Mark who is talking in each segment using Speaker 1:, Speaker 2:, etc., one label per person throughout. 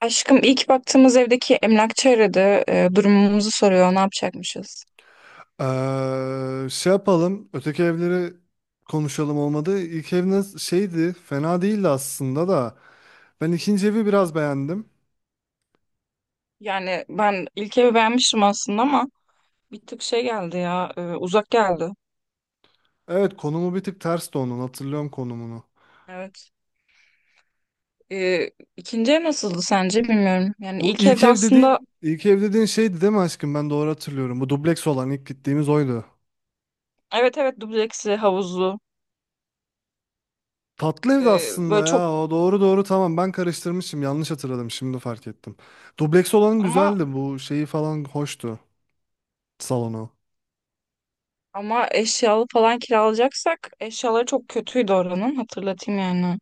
Speaker 1: Aşkım ilk baktığımız evdeki emlakçı aradı. Durumumuzu soruyor. Ne yapacakmışız?
Speaker 2: Şey yapalım. Öteki evleri konuşalım, olmadı. İlk eviniz şeydi. Fena değildi aslında da. Ben ikinci evi biraz beğendim.
Speaker 1: Yani ben ilk evi beğenmiştim aslında ama bir tık şey geldi ya. Uzak geldi.
Speaker 2: Evet, konumu bir tık tersti onun. Hatırlıyorum konumunu.
Speaker 1: Evet. Ee, ikinci ev nasıldı sence bilmiyorum. Yani
Speaker 2: Bu
Speaker 1: ilk
Speaker 2: ilk
Speaker 1: evde
Speaker 2: ev
Speaker 1: aslında
Speaker 2: dediğin ilk ev dediğin şeydi değil mi aşkım? Ben doğru hatırlıyorum. Bu dubleks olan ilk gittiğimiz oydu.
Speaker 1: evet evet dubleksli, havuzlu.
Speaker 2: Tatlı evdi
Speaker 1: Böyle
Speaker 2: aslında
Speaker 1: çok
Speaker 2: ya. O doğru doğru, tamam. Ben karıştırmışım. Yanlış hatırladım. Şimdi fark ettim. Dubleks olan
Speaker 1: ama
Speaker 2: güzeldi. Bu şeyi falan hoştu. Salonu.
Speaker 1: eşyalı falan kiralayacaksak eşyaları çok kötüydü oranın. Hatırlatayım yani.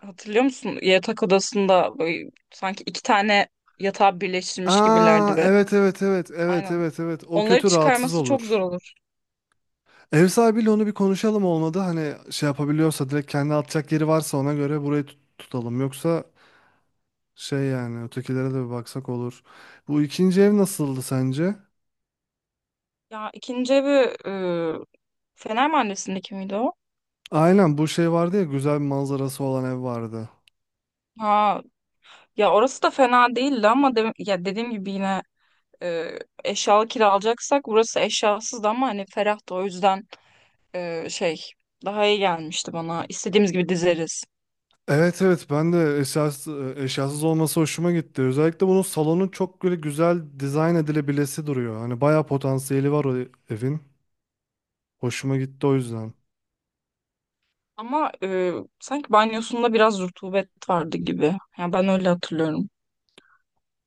Speaker 1: Hatırlıyor musun? Yatak odasında böyle sanki iki tane yatağı birleştirmiş
Speaker 2: Aa,
Speaker 1: gibilerdi ve
Speaker 2: evet, evet, evet, evet,
Speaker 1: aynen.
Speaker 2: evet, evet, o
Speaker 1: Onları
Speaker 2: kötü, rahatsız
Speaker 1: çıkarması çok zor
Speaker 2: olur.
Speaker 1: olur.
Speaker 2: Ev sahibiyle onu bir konuşalım, olmadı. Hani şey yapabiliyorsa direkt, kendi atacak yeri varsa ona göre burayı tutalım. Yoksa şey, yani ötekilere de bir baksak olur. Bu ikinci ev nasıldı sence?
Speaker 1: Ya ikinci evi e, Fener Mahallesi'ndeki miydi o?
Speaker 2: Aynen, bu şey vardı ya, güzel bir manzarası olan ev vardı.
Speaker 1: Ha, ya orası da fena değildi ama ya dediğim gibi yine e, eşyalı kiralayacaksak burası eşyasızdı ama hani ferah da o yüzden şey daha iyi gelmişti bana. İstediğimiz gibi dizeriz.
Speaker 2: Evet, evet, ben de eşyasız olması hoşuma gitti. Özellikle bunun salonu çok böyle güzel dizayn edilebilesi duruyor. Hani bayağı potansiyeli var o evin. Hoşuma gitti o yüzden.
Speaker 1: Ama sanki banyosunda biraz rutubet vardı gibi. Yani ben öyle hatırlıyorum.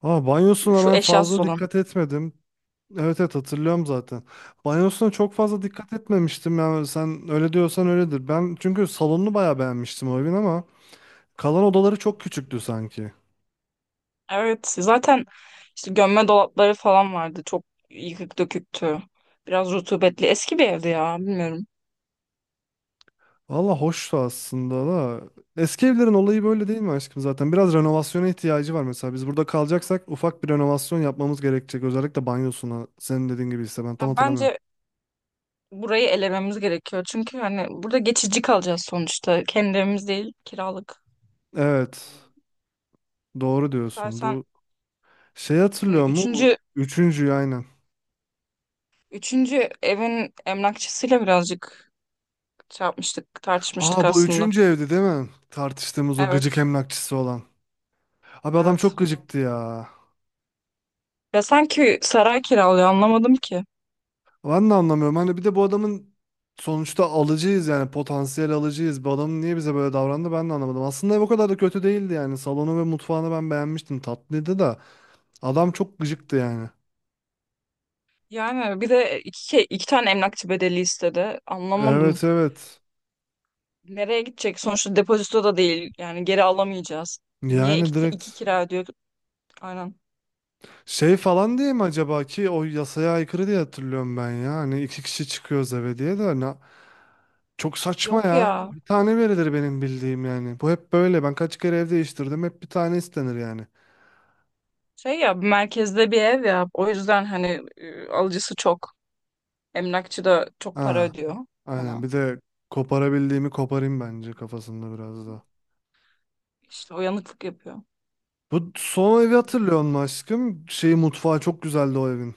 Speaker 2: Ama
Speaker 1: Şu
Speaker 2: banyosuna
Speaker 1: şu
Speaker 2: ben
Speaker 1: eşyasız
Speaker 2: fazla
Speaker 1: olan.
Speaker 2: dikkat etmedim. Evet, evet, hatırlıyorum zaten. Banyosuna çok fazla dikkat etmemiştim. Yani sen öyle diyorsan öyledir. Ben çünkü salonunu bayağı beğenmiştim o evin, ama kalan odaları çok küçüktü sanki.
Speaker 1: Evet zaten işte gömme dolapları falan vardı. Çok yıkık döküktü. Biraz rutubetli. Eski bir evdi ya bilmiyorum.
Speaker 2: Valla hoştu aslında da. Eski evlerin olayı böyle değil mi aşkım zaten? Biraz renovasyona ihtiyacı var mesela. Biz burada kalacaksak ufak bir renovasyon yapmamız gerekecek. Özellikle banyosuna. Senin dediğin gibi ise ben
Speaker 1: Ya
Speaker 2: tam hatırlamıyorum.
Speaker 1: bence burayı elememiz gerekiyor. Çünkü hani burada geçici kalacağız sonuçta. Kendi evimiz değil kiralık.
Speaker 2: Evet. Doğru diyorsun.
Speaker 1: İstersen
Speaker 2: Bu şey
Speaker 1: şimdi
Speaker 2: hatırlıyor mu? Bu
Speaker 1: üçüncü,
Speaker 2: üçüncüyü, aynen.
Speaker 1: üçüncü evin emlakçısıyla birazcık şey yapmıştık, tartışmıştık
Speaker 2: Aa, bu
Speaker 1: aslında.
Speaker 2: üçüncü evdi değil mi? Tartıştığımız o gıcık
Speaker 1: Evet,
Speaker 2: emlakçısı olan. Abi adam
Speaker 1: evet.
Speaker 2: çok gıcıktı ya.
Speaker 1: Ya sanki saray kiralıyor anlamadım ki.
Speaker 2: Ben de anlamıyorum. Hani bir de bu adamın, sonuçta alıcıyız, yani potansiyel alıcıyız. Bu adamın niye bize böyle davrandı ben de anlamadım. Aslında ev o kadar da kötü değildi yani. Salonu ve mutfağını ben beğenmiştim. Tatlıydı da adam çok gıcıktı yani.
Speaker 1: Yani bir de iki, şey, iki tane emlakçı bedeli istedi. Anlamadım.
Speaker 2: Evet, evet.
Speaker 1: Nereye gidecek? Sonuçta depozito da değil. Yani geri alamayacağız. Niye
Speaker 2: Yani
Speaker 1: iki
Speaker 2: direkt
Speaker 1: kira ödüyor? Aynen.
Speaker 2: şey falan diye mi acaba, ki o yasaya aykırı diye hatırlıyorum ben ya. Hani iki kişi çıkıyoruz eve diye de ne, çok saçma
Speaker 1: Yok
Speaker 2: ya.
Speaker 1: ya.
Speaker 2: Bir tane verilir benim bildiğim yani. Bu hep böyle. Ben kaç kere ev değiştirdim. Hep bir tane istenir yani.
Speaker 1: Şey ya merkezde bir ev ya. O yüzden hani alıcısı çok. Emlakçı da çok para
Speaker 2: Ha,
Speaker 1: ödüyor
Speaker 2: aynen.
Speaker 1: ona.
Speaker 2: Bir de koparabildiğimi koparayım bence kafasında biraz da.
Speaker 1: İşte uyanıklık yapıyor.
Speaker 2: Bu son evi hatırlıyor musun aşkım? Şeyi, mutfağı çok güzeldi o evin.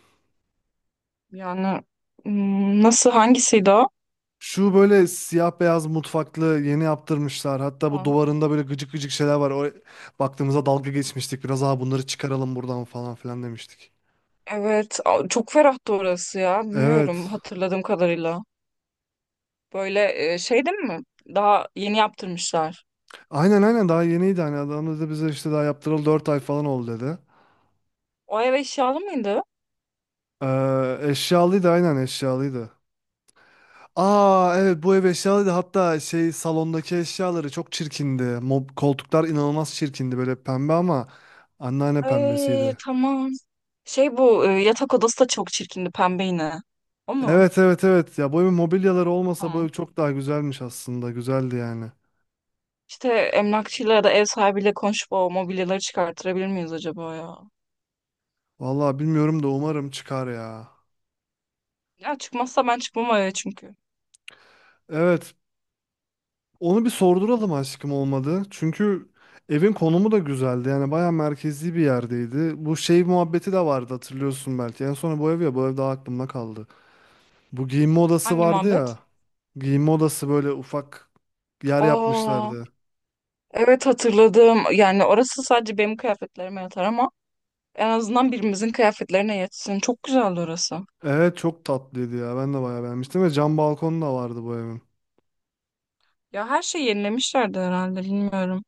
Speaker 1: Yani hmm, nasıl hangisiydi o?
Speaker 2: Şu böyle siyah beyaz mutfaklı, yeni yaptırmışlar. Hatta bu
Speaker 1: Ha,
Speaker 2: duvarında böyle gıcık gıcık şeyler var. O baktığımızda dalga geçmiştik. Biraz daha bunları çıkaralım buradan falan filan demiştik.
Speaker 1: evet, çok ferahtı orası ya. Bilmiyorum
Speaker 2: Evet.
Speaker 1: hatırladığım kadarıyla. Böyle şey değil mi? Daha yeni yaptırmışlar.
Speaker 2: Aynen, aynen, daha yeniydi. Hani adam da bize işte daha yaptıralı 4 ay falan oldu dedi.
Speaker 1: O ev eşyalı mıydı?
Speaker 2: Eşyalıydı, aynen, eşyalıydı. Aa, evet, bu ev eşyalıydı. Hatta şey, salondaki eşyaları çok çirkindi. Koltuklar inanılmaz çirkindi, böyle pembe, ama anneanne
Speaker 1: Ay
Speaker 2: pembesiydi.
Speaker 1: tamam. Şey bu yatak odası da çok çirkindi pembe yine. O mu?
Speaker 2: Evet, evet, evet ya, bu evin mobilyaları olmasa bu ev
Speaker 1: Tamam.
Speaker 2: çok daha güzelmiş aslında. Güzeldi yani.
Speaker 1: İşte emlakçıyla ya da ev sahibiyle konuşup o mobilyaları çıkarttırabilir miyiz acaba ya?
Speaker 2: Vallahi bilmiyorum da umarım çıkar ya.
Speaker 1: Ya çıkmazsa ben çıkmam o eve çünkü.
Speaker 2: Evet. Onu bir sorduralım aşkım, olmadı. Çünkü evin konumu da güzeldi. Yani bayağı merkezi bir yerdeydi. Bu şey muhabbeti de vardı, hatırlıyorsun belki. En son bu ev, ya bu ev daha aklımda kaldı. Bu giyinme odası
Speaker 1: Hangi
Speaker 2: vardı
Speaker 1: muhabbet?
Speaker 2: ya. Giyinme odası böyle ufak yer
Speaker 1: Aa.
Speaker 2: yapmışlardı.
Speaker 1: Evet hatırladım. Yani orası sadece benim kıyafetlerime yatar ama en azından birimizin kıyafetlerine yetsin. Çok güzeldi orası.
Speaker 2: Evet, çok tatlıydı ya. Ben de bayağı beğenmiştim ve cam balkonu da vardı bu evin.
Speaker 1: Ya her şeyi yenilemişlerdi herhalde bilmiyorum.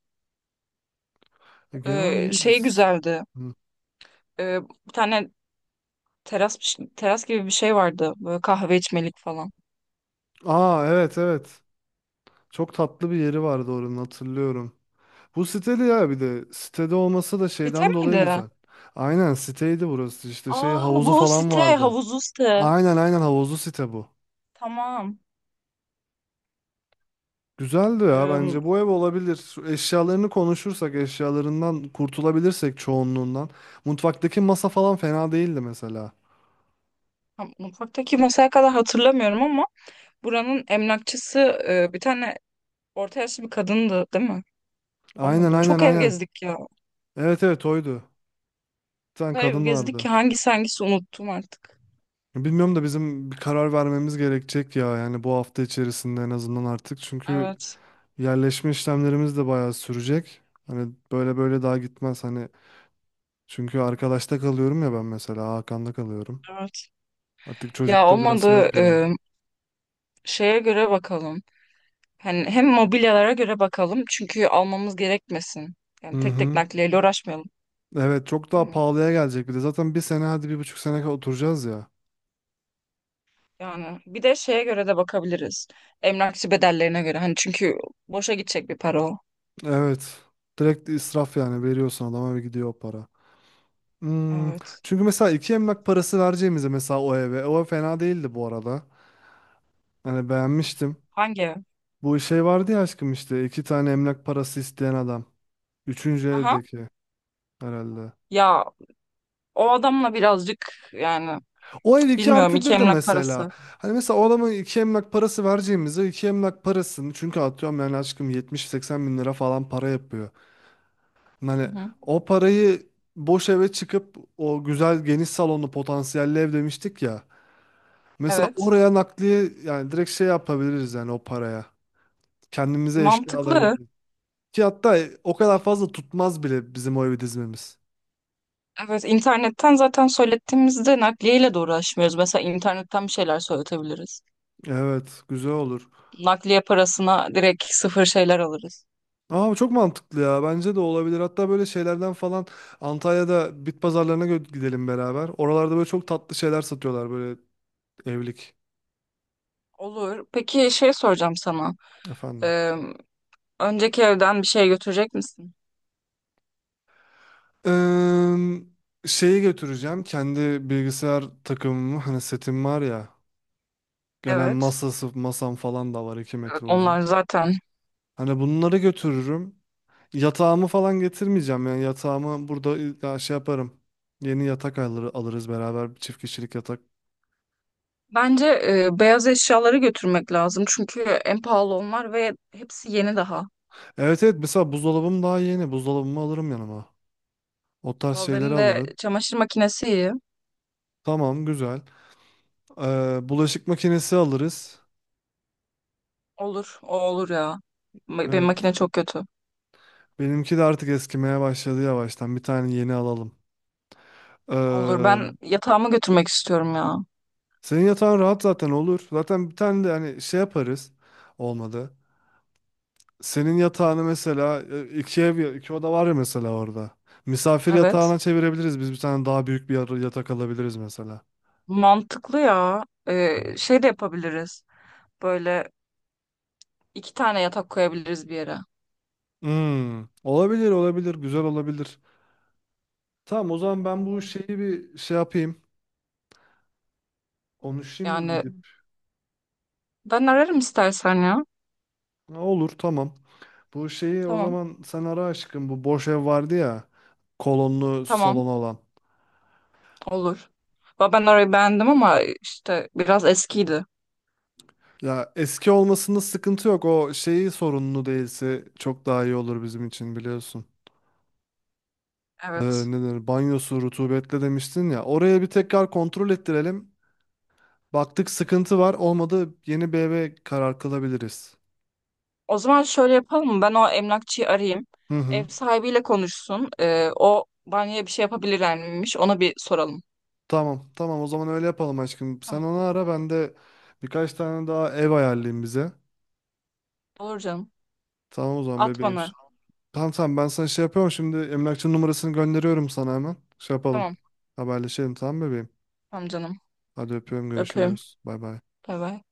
Speaker 2: Genel iyiydi.
Speaker 1: Şey güzeldi.
Speaker 2: Hı.
Speaker 1: Ee, Bir tane teras teras gibi bir şey vardı. Böyle kahve içmelik falan.
Speaker 2: Aa, evet, evet. Çok tatlı bir yeri vardı oranın, hatırlıyorum. Bu siteli ya, bir de sitede olması da
Speaker 1: Site
Speaker 2: şeyden dolayı
Speaker 1: miydi?
Speaker 2: güzel. Aynen, siteydi burası, işte şey
Speaker 1: Aa bu
Speaker 2: havuzu
Speaker 1: o
Speaker 2: falan
Speaker 1: site.
Speaker 2: vardı.
Speaker 1: Havuzlu site.
Speaker 2: Aynen, aynen, havuzlu site bu.
Speaker 1: Tamam.
Speaker 2: Güzeldi ya,
Speaker 1: Ee,
Speaker 2: bence bu ev olabilir. Şu eşyalarını konuşursak, eşyalarından kurtulabilirsek çoğunluğundan. Mutfaktaki masa falan fena değildi mesela.
Speaker 1: Mutfaktaki masaya kadar hatırlamıyorum ama buranın emlakçısı bir tane orta yaşlı bir kadındı değil mi? O
Speaker 2: Aynen,
Speaker 1: muydu?
Speaker 2: aynen,
Speaker 1: Çok ev
Speaker 2: aynen.
Speaker 1: gezdik ya.
Speaker 2: Evet, evet, oydu. Bir tane
Speaker 1: Kadar ev
Speaker 2: kadın
Speaker 1: gezdik ki
Speaker 2: vardı.
Speaker 1: hangisi unuttum artık.
Speaker 2: Bilmiyorum da bizim bir karar vermemiz gerekecek ya, yani bu hafta içerisinde en azından artık, çünkü
Speaker 1: Evet,
Speaker 2: yerleşme işlemlerimiz de bayağı sürecek. Hani böyle böyle daha gitmez. Hani çünkü arkadaşta kalıyorum ya ben, mesela Hakan'da kalıyorum.
Speaker 1: evet.
Speaker 2: Artık
Speaker 1: Ya
Speaker 2: çocuk da biraz şey
Speaker 1: olmadı
Speaker 2: yapıyor.
Speaker 1: şeye göre bakalım. Hani hem mobilyalara göre bakalım çünkü almamız gerekmesin.
Speaker 2: Hı
Speaker 1: Yani tek tek
Speaker 2: hı.
Speaker 1: nakliyeyle uğraşmayalım,
Speaker 2: Evet, çok
Speaker 1: değil
Speaker 2: daha
Speaker 1: mi?
Speaker 2: pahalıya gelecek bir de. Zaten bir sene, hadi bir buçuk sene oturacağız ya.
Speaker 1: Yani bir de şeye göre de bakabiliriz. Emlakçı bedellerine göre. Hani çünkü boşa gidecek bir para o.
Speaker 2: Evet. Direkt israf yani, veriyorsun adama ve gidiyor o para. Hmm.
Speaker 1: Evet.
Speaker 2: Çünkü mesela iki emlak parası vereceğimize mesela o eve. O ev fena değildi bu arada. Hani beğenmiştim.
Speaker 1: Hangi ev?
Speaker 2: Bu şey vardı ya aşkım, işte iki tane emlak parası isteyen adam. Üçüncü
Speaker 1: Aha.
Speaker 2: evdeki. Herhalde.
Speaker 1: Ya o adamla birazcık yani
Speaker 2: O ev
Speaker 1: cık,
Speaker 2: 2
Speaker 1: bilmiyorum
Speaker 2: artı
Speaker 1: iki
Speaker 2: bir de
Speaker 1: emlak
Speaker 2: mesela.
Speaker 1: parası.
Speaker 2: Hani mesela o adama 2 emlak parası vereceğimize, 2 emlak parasını, çünkü atıyorum yani aşkım, 70 seksen bin lira falan para yapıyor. Hani
Speaker 1: Hı hı.
Speaker 2: o parayı boş eve çıkıp, o güzel geniş salonlu potansiyelli ev demiştik ya. Mesela
Speaker 1: Evet.
Speaker 2: oraya nakliye yani, direkt şey yapabiliriz yani o paraya. Kendimize eşya
Speaker 1: Mantıklı.
Speaker 2: alabiliriz. Ki hatta o kadar fazla tutmaz bile bizim o evi dizmemiz.
Speaker 1: Evet, internetten zaten söylettiğimizde nakliyeyle de uğraşmıyoruz. Mesela internetten bir şeyler söyletebiliriz.
Speaker 2: Evet, güzel olur.
Speaker 1: Nakliye parasına direkt sıfır şeyler alırız.
Speaker 2: Aa, bu çok mantıklı ya. Bence de olabilir. Hatta böyle şeylerden falan Antalya'da bit pazarlarına gidelim beraber. Oralarda böyle çok tatlı şeyler satıyorlar, böyle evlik.
Speaker 1: Olur. Peki şey soracağım sana.
Speaker 2: Efendim.
Speaker 1: Ee, Önceki evden bir şey götürecek misin?
Speaker 2: Şeyi götüreceğim. Kendi bilgisayar takımımı, hani setim var ya. Genel
Speaker 1: Evet.
Speaker 2: masam falan da var, 2
Speaker 1: Evet,
Speaker 2: metre uzun.
Speaker 1: onlar zaten.
Speaker 2: Hani bunları götürürüm. Yatağımı falan getirmeyeceğim, yani yatağımı burada ya şey yaparım. Yeni yatak alırız beraber, bir çift kişilik yatak.
Speaker 1: Bence beyaz eşyaları götürmek lazım. Çünkü en pahalı onlar ve hepsi yeni daha.
Speaker 2: Evet, evet, mesela buzdolabım daha yeni. Buzdolabımı alırım yanıma. O tarz şeyleri
Speaker 1: Benim de
Speaker 2: alırım.
Speaker 1: çamaşır makinesi iyi.
Speaker 2: Tamam, güzel. Bulaşık makinesi alırız.
Speaker 1: Olur. O olur ya. Benim
Speaker 2: Evet.
Speaker 1: makine çok kötü.
Speaker 2: Benimki de artık eskimeye başladı yavaştan. Bir tane yeni alalım.
Speaker 1: Olur.
Speaker 2: Ee,
Speaker 1: Ben yatağımı götürmek istiyorum ya.
Speaker 2: Senin yatağın rahat zaten, olur. Zaten bir tane de hani şey yaparız. Olmadı. Senin yatağını mesela iki ev iki oda var ya mesela orada. Misafir
Speaker 1: Evet.
Speaker 2: yatağına çevirebiliriz. Biz bir tane daha büyük bir yatak alabiliriz mesela.
Speaker 1: Mantıklı ya. Şey de yapabiliriz. Böyle iki tane yatak koyabiliriz bir yere.
Speaker 2: Hmm, olabilir, olabilir, güzel olabilir. Tamam, o zaman ben bu şeyi bir şey yapayım. Konuşayım
Speaker 1: Yani
Speaker 2: gidip.
Speaker 1: ben ararım istersen ya.
Speaker 2: Ha, olur, tamam. Bu şeyi o
Speaker 1: Tamam.
Speaker 2: zaman sen ara aşkım. Bu boş ev vardı ya. Kolonlu
Speaker 1: Tamam.
Speaker 2: salon olan.
Speaker 1: Olur. Ben orayı beğendim ama işte biraz eskiydi.
Speaker 2: Ya, eski olmasında sıkıntı yok. O şeyi sorunlu değilse çok daha iyi olur bizim için, biliyorsun.
Speaker 1: Evet.
Speaker 2: Ne denir? Banyosu rutubetli demiştin ya. Oraya bir tekrar kontrol ettirelim. Baktık sıkıntı var, olmadı, yeni bir eve karar kılabiliriz.
Speaker 1: O zaman şöyle yapalım mı? Ben o emlakçıyı arayayım.
Speaker 2: Hı hı.
Speaker 1: Ev sahibiyle konuşsun. O banyoya bir şey yapabilir miymiş? Ona bir soralım.
Speaker 2: Tamam, tamam, o zaman öyle yapalım aşkım. Sen
Speaker 1: Tamam.
Speaker 2: onu ara, ben de birkaç tane daha ev ayarlayayım bize.
Speaker 1: Olur canım.
Speaker 2: Tamam, o zaman
Speaker 1: At
Speaker 2: bebeğim.
Speaker 1: bana.
Speaker 2: Tamam, tamam, ben sana şey yapıyorum şimdi, emlakçının numarasını gönderiyorum sana hemen. Şey yapalım.
Speaker 1: Tamam.
Speaker 2: Haberleşelim, tamam bebeğim.
Speaker 1: Tamam canım.
Speaker 2: Hadi öpüyorum,
Speaker 1: Öpüyorum.
Speaker 2: görüşürüz. Bay bay.
Speaker 1: Bay bay.